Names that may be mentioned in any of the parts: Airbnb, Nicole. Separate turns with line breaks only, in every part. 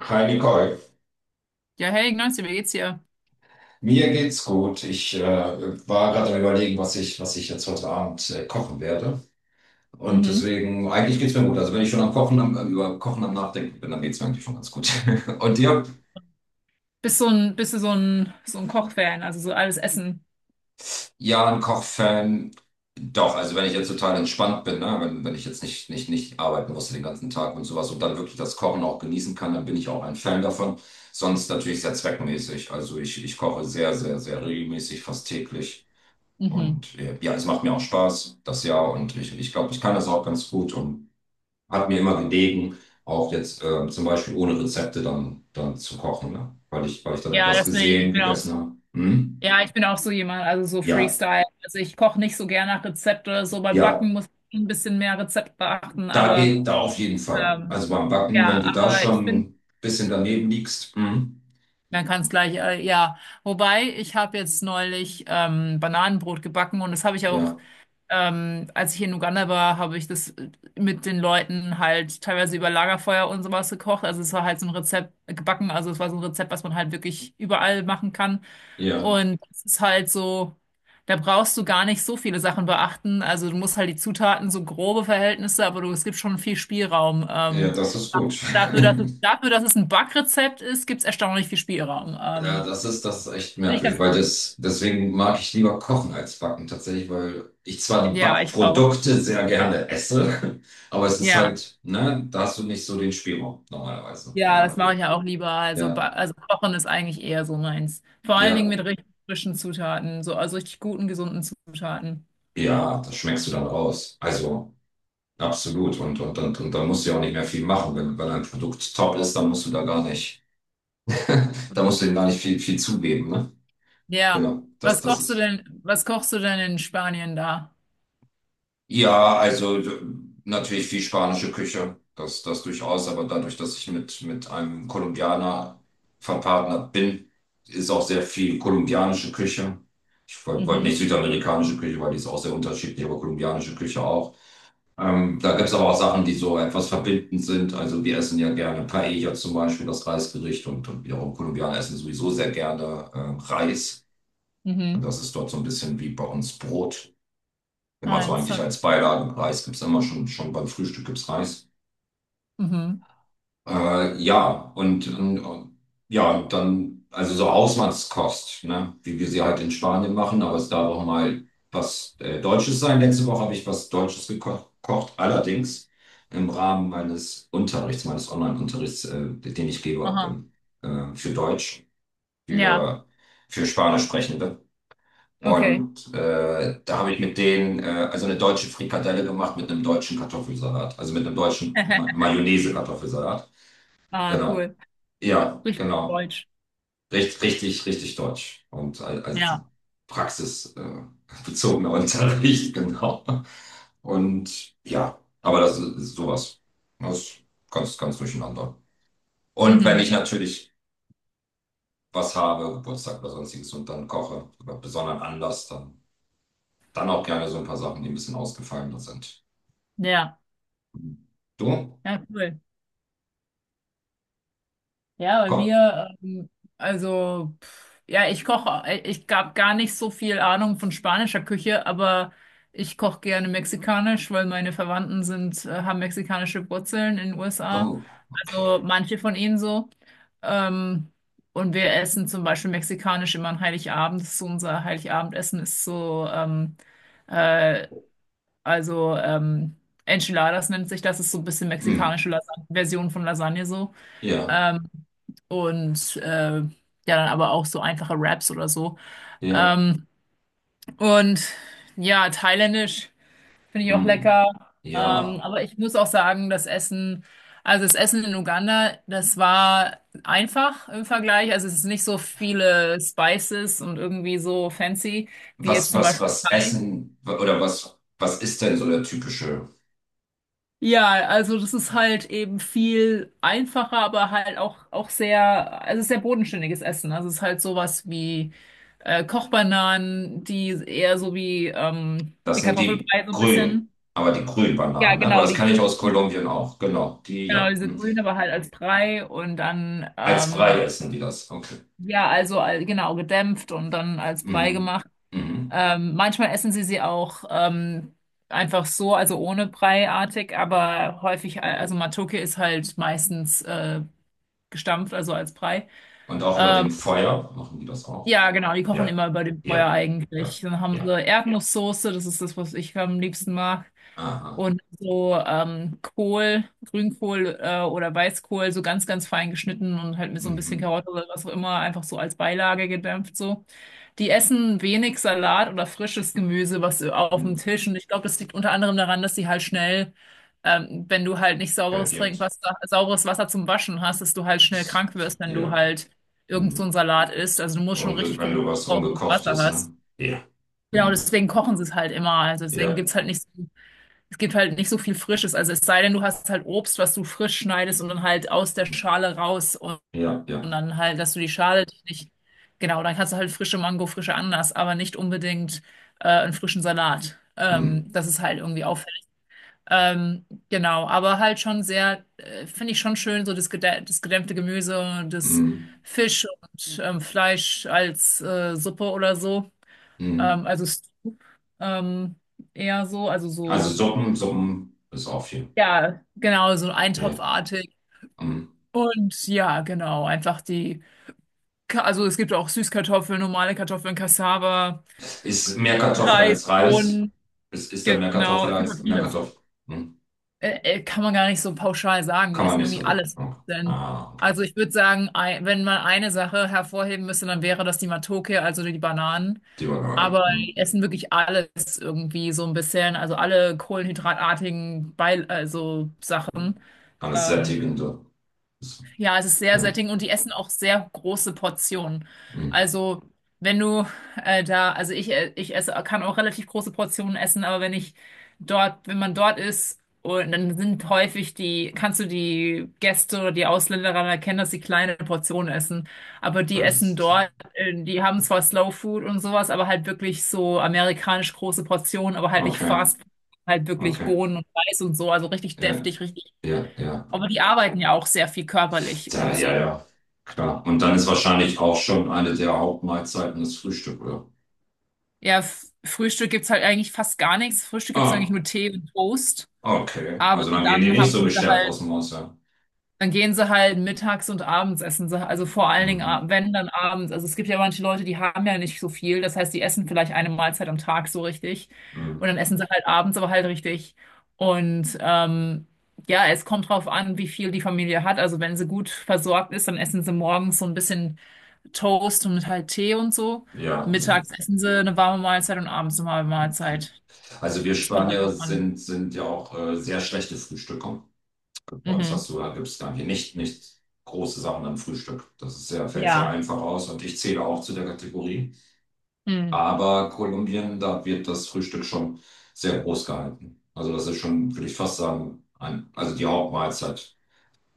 Hi Nicole,
Ja, hey, Ignacio, wie geht's dir?
mir geht's gut. Ich war gerade am Überlegen, was ich jetzt heute Abend kochen werde. Und
Mhm.
deswegen, eigentlich geht's mir gut. Also wenn ich schon am Kochen, über Kochen am Nachdenken bin, dann geht's mir eigentlich schon ganz gut. Und dir?
Bist du so ein Kochfan, also so alles Essen?
Ja, ein Kochfan. Doch, also wenn ich jetzt total entspannt bin, ne? Wenn ich jetzt nicht arbeiten musste den ganzen Tag und sowas und dann wirklich das Kochen auch genießen kann, dann bin ich auch ein Fan davon. Sonst natürlich sehr zweckmäßig. Also ich koche sehr, sehr, sehr regelmäßig, fast täglich.
Mhm.
Und ja, es macht mir auch Spaß, das Jahr. Und ich glaube, ich kann das auch ganz gut und hat mir immer gelegen, auch jetzt zum Beispiel ohne Rezepte dann zu kochen, ne? Weil ich dann
Ja,
etwas
das bin ich.
gesehen, gegessen habe. Hm?
Ja, ich bin auch so jemand, also so
Ja,
Freestyle. Also ich koche nicht so gern nach Rezept oder so. Bei
ja,
Backen muss ich ein bisschen mehr Rezept beachten,
da
aber
geht da auf jeden Fall. Also
ähm,
beim Backen, wenn
ja,
du da
aber ich
schon
bin.
ein bisschen daneben liegst, hm?
Man kann es gleich, ja. Wobei, ich habe jetzt neulich Bananenbrot gebacken und das habe ich auch.
Ja,
Als ich in Uganda war, habe ich das mit den Leuten halt teilweise über Lagerfeuer und sowas gekocht. Also es war halt so ein Rezept gebacken. Also es war so ein Rezept, was man halt wirklich überall machen kann.
ja,
Und es ist halt so, da brauchst du gar nicht so viele Sachen beachten. Also du musst halt die Zutaten, so grobe Verhältnisse, aber du, es gibt schon viel Spielraum.
ja,
Ähm,
das ist gut.
dafür, dass es ein Backrezept ist, gibt es erstaunlich viel Spielraum.
Ja,
Ähm,
das ist echt
finde ich
merkwürdig,
ganz cool.
deswegen mag ich lieber kochen als backen tatsächlich, weil ich zwar die
Ja, ich auch.
Backprodukte sehr gerne esse, aber es ist
Ja.
halt, ne, da hast du nicht so den Spielraum normalerweise, wie
Ja,
du,
das
wie
mache
du.
ich ja auch lieber. Also,
Ja,
ba- also kochen ist eigentlich eher so meins. Vor allen Dingen mit
ja,
richtig frischen Zutaten, so also richtig guten, gesunden Zutaten.
ja, das schmeckst du dann raus. Also, absolut. Und dann musst du ja auch nicht mehr viel machen. Wenn ein Produkt top ist, dann musst du da gar nicht, da musst du ihm gar nicht viel, viel zugeben, ne?
Ja.
Genau, das,
Was
das
kochst du
ist.
denn, was kochst du denn in Spanien da?
Ja, also natürlich viel spanische Küche, das durchaus, aber dadurch, dass ich mit einem Kolumbianer verpartnert bin, ist auch sehr viel kolumbianische Küche. Ich wollt
Mhm.
nicht südamerikanische Küche, weil die ist auch sehr unterschiedlich, aber kolumbianische Küche auch. Da gibt es aber auch Sachen, die so etwas verbindend sind. Also wir essen ja gerne Paella zum Beispiel, das Reisgericht, und wiederum Kolumbianer essen sowieso sehr gerne Reis. Und
Mhm.
das ist dort so ein bisschen wie bei uns Brot. Immer so
Eins,
eigentlich
zwei,
als Beilagen. Reis gibt's immer schon beim Frühstück gibt's Reis.
mhm.
Ja, und ja, dann, also so Hausmannskost, ne? Wie wir sie halt in Spanien machen, aber es darf auch mal was Deutsches sein. Letzte Woche habe ich was Deutsches gekocht, allerdings im Rahmen meines Unterrichts, meines Online-Unterrichts, den ich
Aha.
gebe, für Deutsch,
Ja,
für, für Spanisch sprechende.
okay.
Und da habe ich mit denen also eine deutsche Frikadelle gemacht mit einem deutschen Kartoffelsalat, also mit einem deutschen Ma Mayonnaise-Kartoffelsalat.
Ah,
Genau.
cool.
Ja,
Richtig
genau.
deutsch.
Richtig, richtig, richtig deutsch. Und also
Ja.
praxisbezogener bezogener Unterricht, genau. Und ja, aber das ist sowas. Das ist ganz, ganz durcheinander. Und wenn ich
Mhm.
natürlich was habe, Geburtstag oder sonstiges und dann koche, oder besonderen Anlass, dann. Dann auch gerne so ein paar Sachen, die ein bisschen ausgefallener sind.
Ja.
Du?
Ja, cool. Ja, bei
Komm.
mir, also, ja, ich gab gar nicht so viel Ahnung von spanischer Küche, aber ich koche gerne mexikanisch, weil meine haben mexikanische Wurzeln in den USA.
Oh, okay.
Also manche von ihnen so. Ähm, und wir essen zum Beispiel mexikanisch immer an Heiligabend. Das ist so unser Heiligabendessen ist so, äh, also Enchiladas nennt sich das, ist so ein bisschen
Hm.
mexikanische Lasagne, Version von Lasagne so.
Ja,
Ähm, und äh, ja, Dann aber auch so einfache Raps oder so.
ja.
Ähm, und ja, thailändisch finde ich auch
Hm.
lecker. Ähm,
Ja.
aber ich muss auch sagen, also das Essen in Uganda, das war einfach im Vergleich. Also es ist nicht so viele Spices und irgendwie so fancy wie jetzt
Was,
zum
was,
Beispiel
was
Thai.
essen oder was ist denn so der typische?
Ja, also das ist halt eben viel einfacher, aber halt auch, auch sehr, also sehr bodenständiges Essen. Also es ist halt sowas wie Kochbananen, die eher so wie,
Das
wie
sind die
Kartoffelbrei so ein
grünen,
bisschen.
aber die grünen
Ja,
Bananen, ne? Aber
genau,
das
die
kann ich aus
grünen,
Kolumbien auch. Genau, die,
genau,
ja.
diese
Hm.
grünen, aber halt als Brei und dann,
Als Brei essen die das. Okay.
genau, gedämpft und dann als Brei
Mhm.
gemacht.
Mhm.
Manchmal essen sie sie auch einfach so, also ohne Breiartig, aber häufig, also Matoke ist halt meistens gestampft, also als Brei.
Und auch über
Ähm,
dem Feuer machen die das auch.
ja, genau, die kochen
Ja,
immer über dem Feuer
ja, ja,
eigentlich. Dann haben sie
ja.
Erdnusssoße, das ist das, was ich am liebsten mag.
Aha.
Und so Kohl, Grünkohl oder Weißkohl, so ganz, ganz fein geschnitten und halt mit so ein
Mhm.
bisschen Karotte oder was auch immer, einfach so als Beilage gedämpft so. Die essen wenig Salat oder frisches Gemüse, was auf dem
Mhm.
Tisch. Und ich glaube, das liegt unter anderem daran, dass die halt schnell, wenn du halt nicht
halt
sauberes Trinkwasser, sauberes Wasser zum Waschen hast, dass du halt schnell
Ist-
krank wirst, wenn du
Ja.
halt irgend so
Hm.
ein Salat ist. Also du musst schon
Unge
richtig
wenn
gucken,
du was
ob du sauberes Wasser
Ungekochtes, ne?
hast.
Ja.
Genau,
Hm.
deswegen kochen sie es halt immer. Also deswegen
Ja.
gibt's halt nicht so, es gibt halt nicht so viel Frisches. Also es sei denn, du hast halt Obst, was du frisch schneidest und dann halt aus der Schale raus
Ja,
und
ja.
dann halt, dass du die Schale dich nicht, genau, dann kannst du halt frische Mango, frische Ananas, aber nicht unbedingt einen frischen Salat.
Hm.
Das ist halt irgendwie auf. Genau, aber halt schon sehr, finde ich schon schön, so das, gedä das gedämpfte Gemüse, das
Hm.
Fisch und Fleisch als Suppe oder so.
Hm.
Also Stew, ähm, eher so, also
Also
so,
Suppen ist auch viel.
ja, genau, so
Ja.
eintopfartig.
Hm.
Und ja, genau, einfach die, also es gibt auch Süßkartoffeln, normale Kartoffeln, Cassava,
Ist mehr Kartoffel
Reis,
als Reis?
Bohnen,
Ist da mehr
genau,
Kartoffel
es gibt
als
auch
mehr
vieles.
Kartoffel? Hm.
Kann man gar nicht so pauschal sagen. Die
Kann man
essen
nicht
irgendwie
sogar.
alles.
Okay.
Denn,
Ah, okay.
also ich würde sagen, wenn man eine Sache hervorheben müsste, dann wäre das die Matoke, also die Bananen.
Die Banane.
Aber
Hm.
die essen wirklich alles irgendwie so ein bisschen. Also alle kohlenhydratartigen Beil also
Hm.
Sachen.
Alles
Ähm,
sättigend, so.
ja, es ist sehr
Ja.
sättigend und die essen auch sehr große Portionen.
Hm.
Also, wenn du also ich esse, kann auch relativ große Portionen essen, aber wenn man dort ist, und dann sind häufig die, kannst du die Gäste oder die Ausländer daran erkennen, dass sie kleine Portionen essen. Aber die
Weil
essen
das-
dort, die haben zwar Slow Food und sowas, aber halt wirklich so amerikanisch große Portionen, aber halt nicht
Okay,
Fast Food, halt wirklich
okay.
Bohnen und Reis und so, also richtig
Ja,
deftig, richtig
ja, ja.
aber die arbeiten ja auch sehr viel körperlich
Ja,
und
ja,
so.
ja, klar. Und dann ist wahrscheinlich auch schon eine der Hauptmahlzeiten das Frühstück, oder?
Ja, Frühstück gibt's halt eigentlich fast gar nichts. Frühstück gibt's eigentlich
Ah,
nur Tee und Toast.
okay.
Aber
Also dann gehen die
dann
nicht so
haben sie
gestärkt aus
halt,
dem Haus, ja.
dann gehen sie halt mittags und abends essen sie. Also vor allen Dingen,
Mhm.
wenn dann abends. Also es gibt ja manche Leute, die haben ja nicht so viel. Das heißt, die essen vielleicht eine Mahlzeit am Tag so richtig.
Mhm.
Und dann essen sie halt abends aber halt richtig. Und ja, es kommt drauf an, wie viel die Familie hat. Also wenn sie gut versorgt ist, dann essen sie morgens so ein bisschen Toast und halt Tee und so.
Ja, also,
Mittags essen sie eine warme Mahlzeit und abends eine warme Mahlzeit.
also wir
Das kommt halt
Spanier
drauf an.
sind ja auch sehr schlechte Frühstücker. Bei uns
Mhm.
hast du, da gibt es gar nicht große Sachen am Frühstück. Das ist sehr, fällt sehr
Ja.
einfach aus und ich zähle auch zu der Kategorie.
Mhm.
Aber Kolumbien, da wird das Frühstück schon sehr groß gehalten. Also das ist schon, würde ich fast sagen, ein, also die Hauptmahlzeit.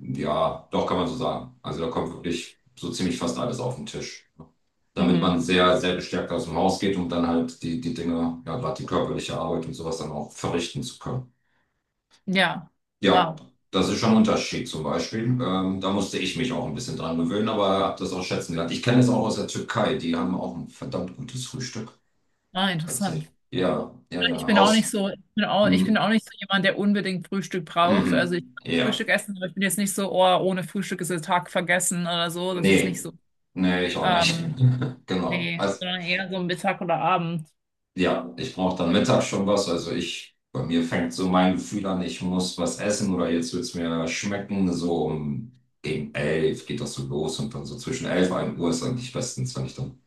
Ja, doch kann man so sagen. Also da kommt wirklich so ziemlich fast alles auf den Tisch. Damit
Mhm.
man sehr, sehr gestärkt aus dem Haus geht, um dann halt die Dinge, ja, gerade die körperliche Arbeit und sowas dann auch verrichten zu können.
Ja.
Ja,
Wow.
das ist schon ein Unterschied zum Beispiel. Da musste ich mich auch ein bisschen dran gewöhnen, aber habe das auch schätzen gelernt. Ich kenne es auch aus der Türkei. Die haben auch ein verdammt gutes Frühstück.
Ah, interessant.
Tatsächlich. Ja, ja,
Ich
ja.
bin auch nicht
Aus.
so, ich bin auch
Mhm.
nicht so jemand, der unbedingt Frühstück braucht. Also ich
Mhm.
kann
Ja.
Frühstück essen, aber ich bin jetzt nicht so, oh, ohne Frühstück ist der Tag vergessen oder so. Das ist
Nee.
nicht so.
Nee, ich auch nicht.
Ähm,
Genau.
nee,
Also,
sondern eher so Mittag oder Abend.
ja, ich brauche dann mittags schon was. Also bei mir fängt so mein Gefühl an, ich muss was essen oder jetzt wird's mir schmecken. So um gegen 11 geht das so los und dann so zwischen 11 und 1 Uhr ist eigentlich bestens, wenn ich dann,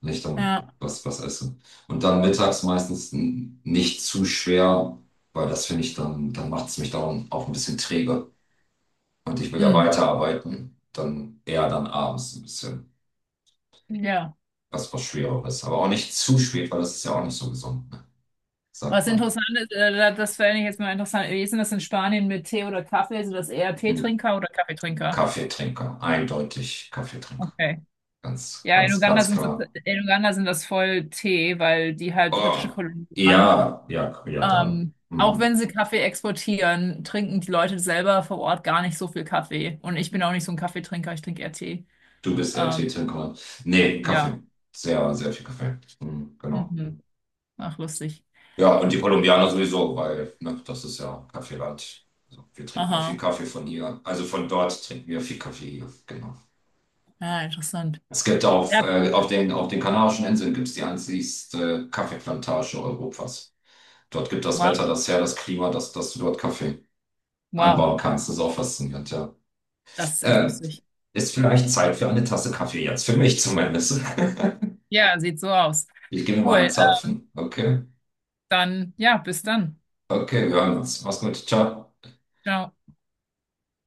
wenn ich dann
Ja.
was esse. Und dann mittags meistens nicht zu schwer, weil das finde ich dann macht's mich dann auch ein bisschen träge. Und ich will ja
Mhm.
weiterarbeiten. Dann eher dann abends ein bisschen
Ja.
was Schwereres. Aber auch nicht zu spät, weil das ist ja auch nicht so gesund, ne? Sagt
Was interessant ist, das fände ich jetzt mal interessant. Wie ist denn das in Spanien mit Tee oder Kaffee? Sind das eher
man.
Teetrinker oder Kaffeetrinker?
Kaffeetrinker, eindeutig Kaffeetrinker.
Okay.
Ganz,
Ja, in
ganz,
Uganda
ganz
sind das,
klar.
in Uganda sind das voll Tee, weil die halt britische
Oh,
Kolonien waren.
ja, ja, ja, dann.
Auch wenn
Mhm.
sie Kaffee exportieren, trinken die Leute selber vor Ort gar nicht so viel Kaffee. Und ich bin auch nicht so ein Kaffeetrinker, ich trinke eher Tee.
Du bist eher
Ähm,
Teetrinker. Nee,
ja.
Kaffee. Sehr, sehr viel Kaffee. Mhm, genau.
Mhm. Ach, lustig.
Ja, und die Kolumbianer sowieso, weil, ne, das ist ja Kaffeeland. Also, wir trinken ja viel
Aha.
Kaffee von hier. Also von dort trinken wir viel Kaffee hier. Genau.
Ja, interessant.
Es gibt
Ja,
auf den, Kanarischen Inseln gibt's die einzigste Kaffeeplantage Europas. Dort gibt das
wow.
Wetter das her, das Klima, das dort Kaffee
Wow.
anbauen kannst. Das ist auch faszinierend, ja.
Das ist echt
Äh,
lustig.
ist vielleicht Zeit für eine Tasse Kaffee jetzt, für mich zumindest.
Ja, sieht so aus.
Ich gehe mir mal einen
Cool.
Zapfen. Okay,
Dann, ja, bis dann.
okay, wir hören uns. Mach's gut, ciao.
Ciao.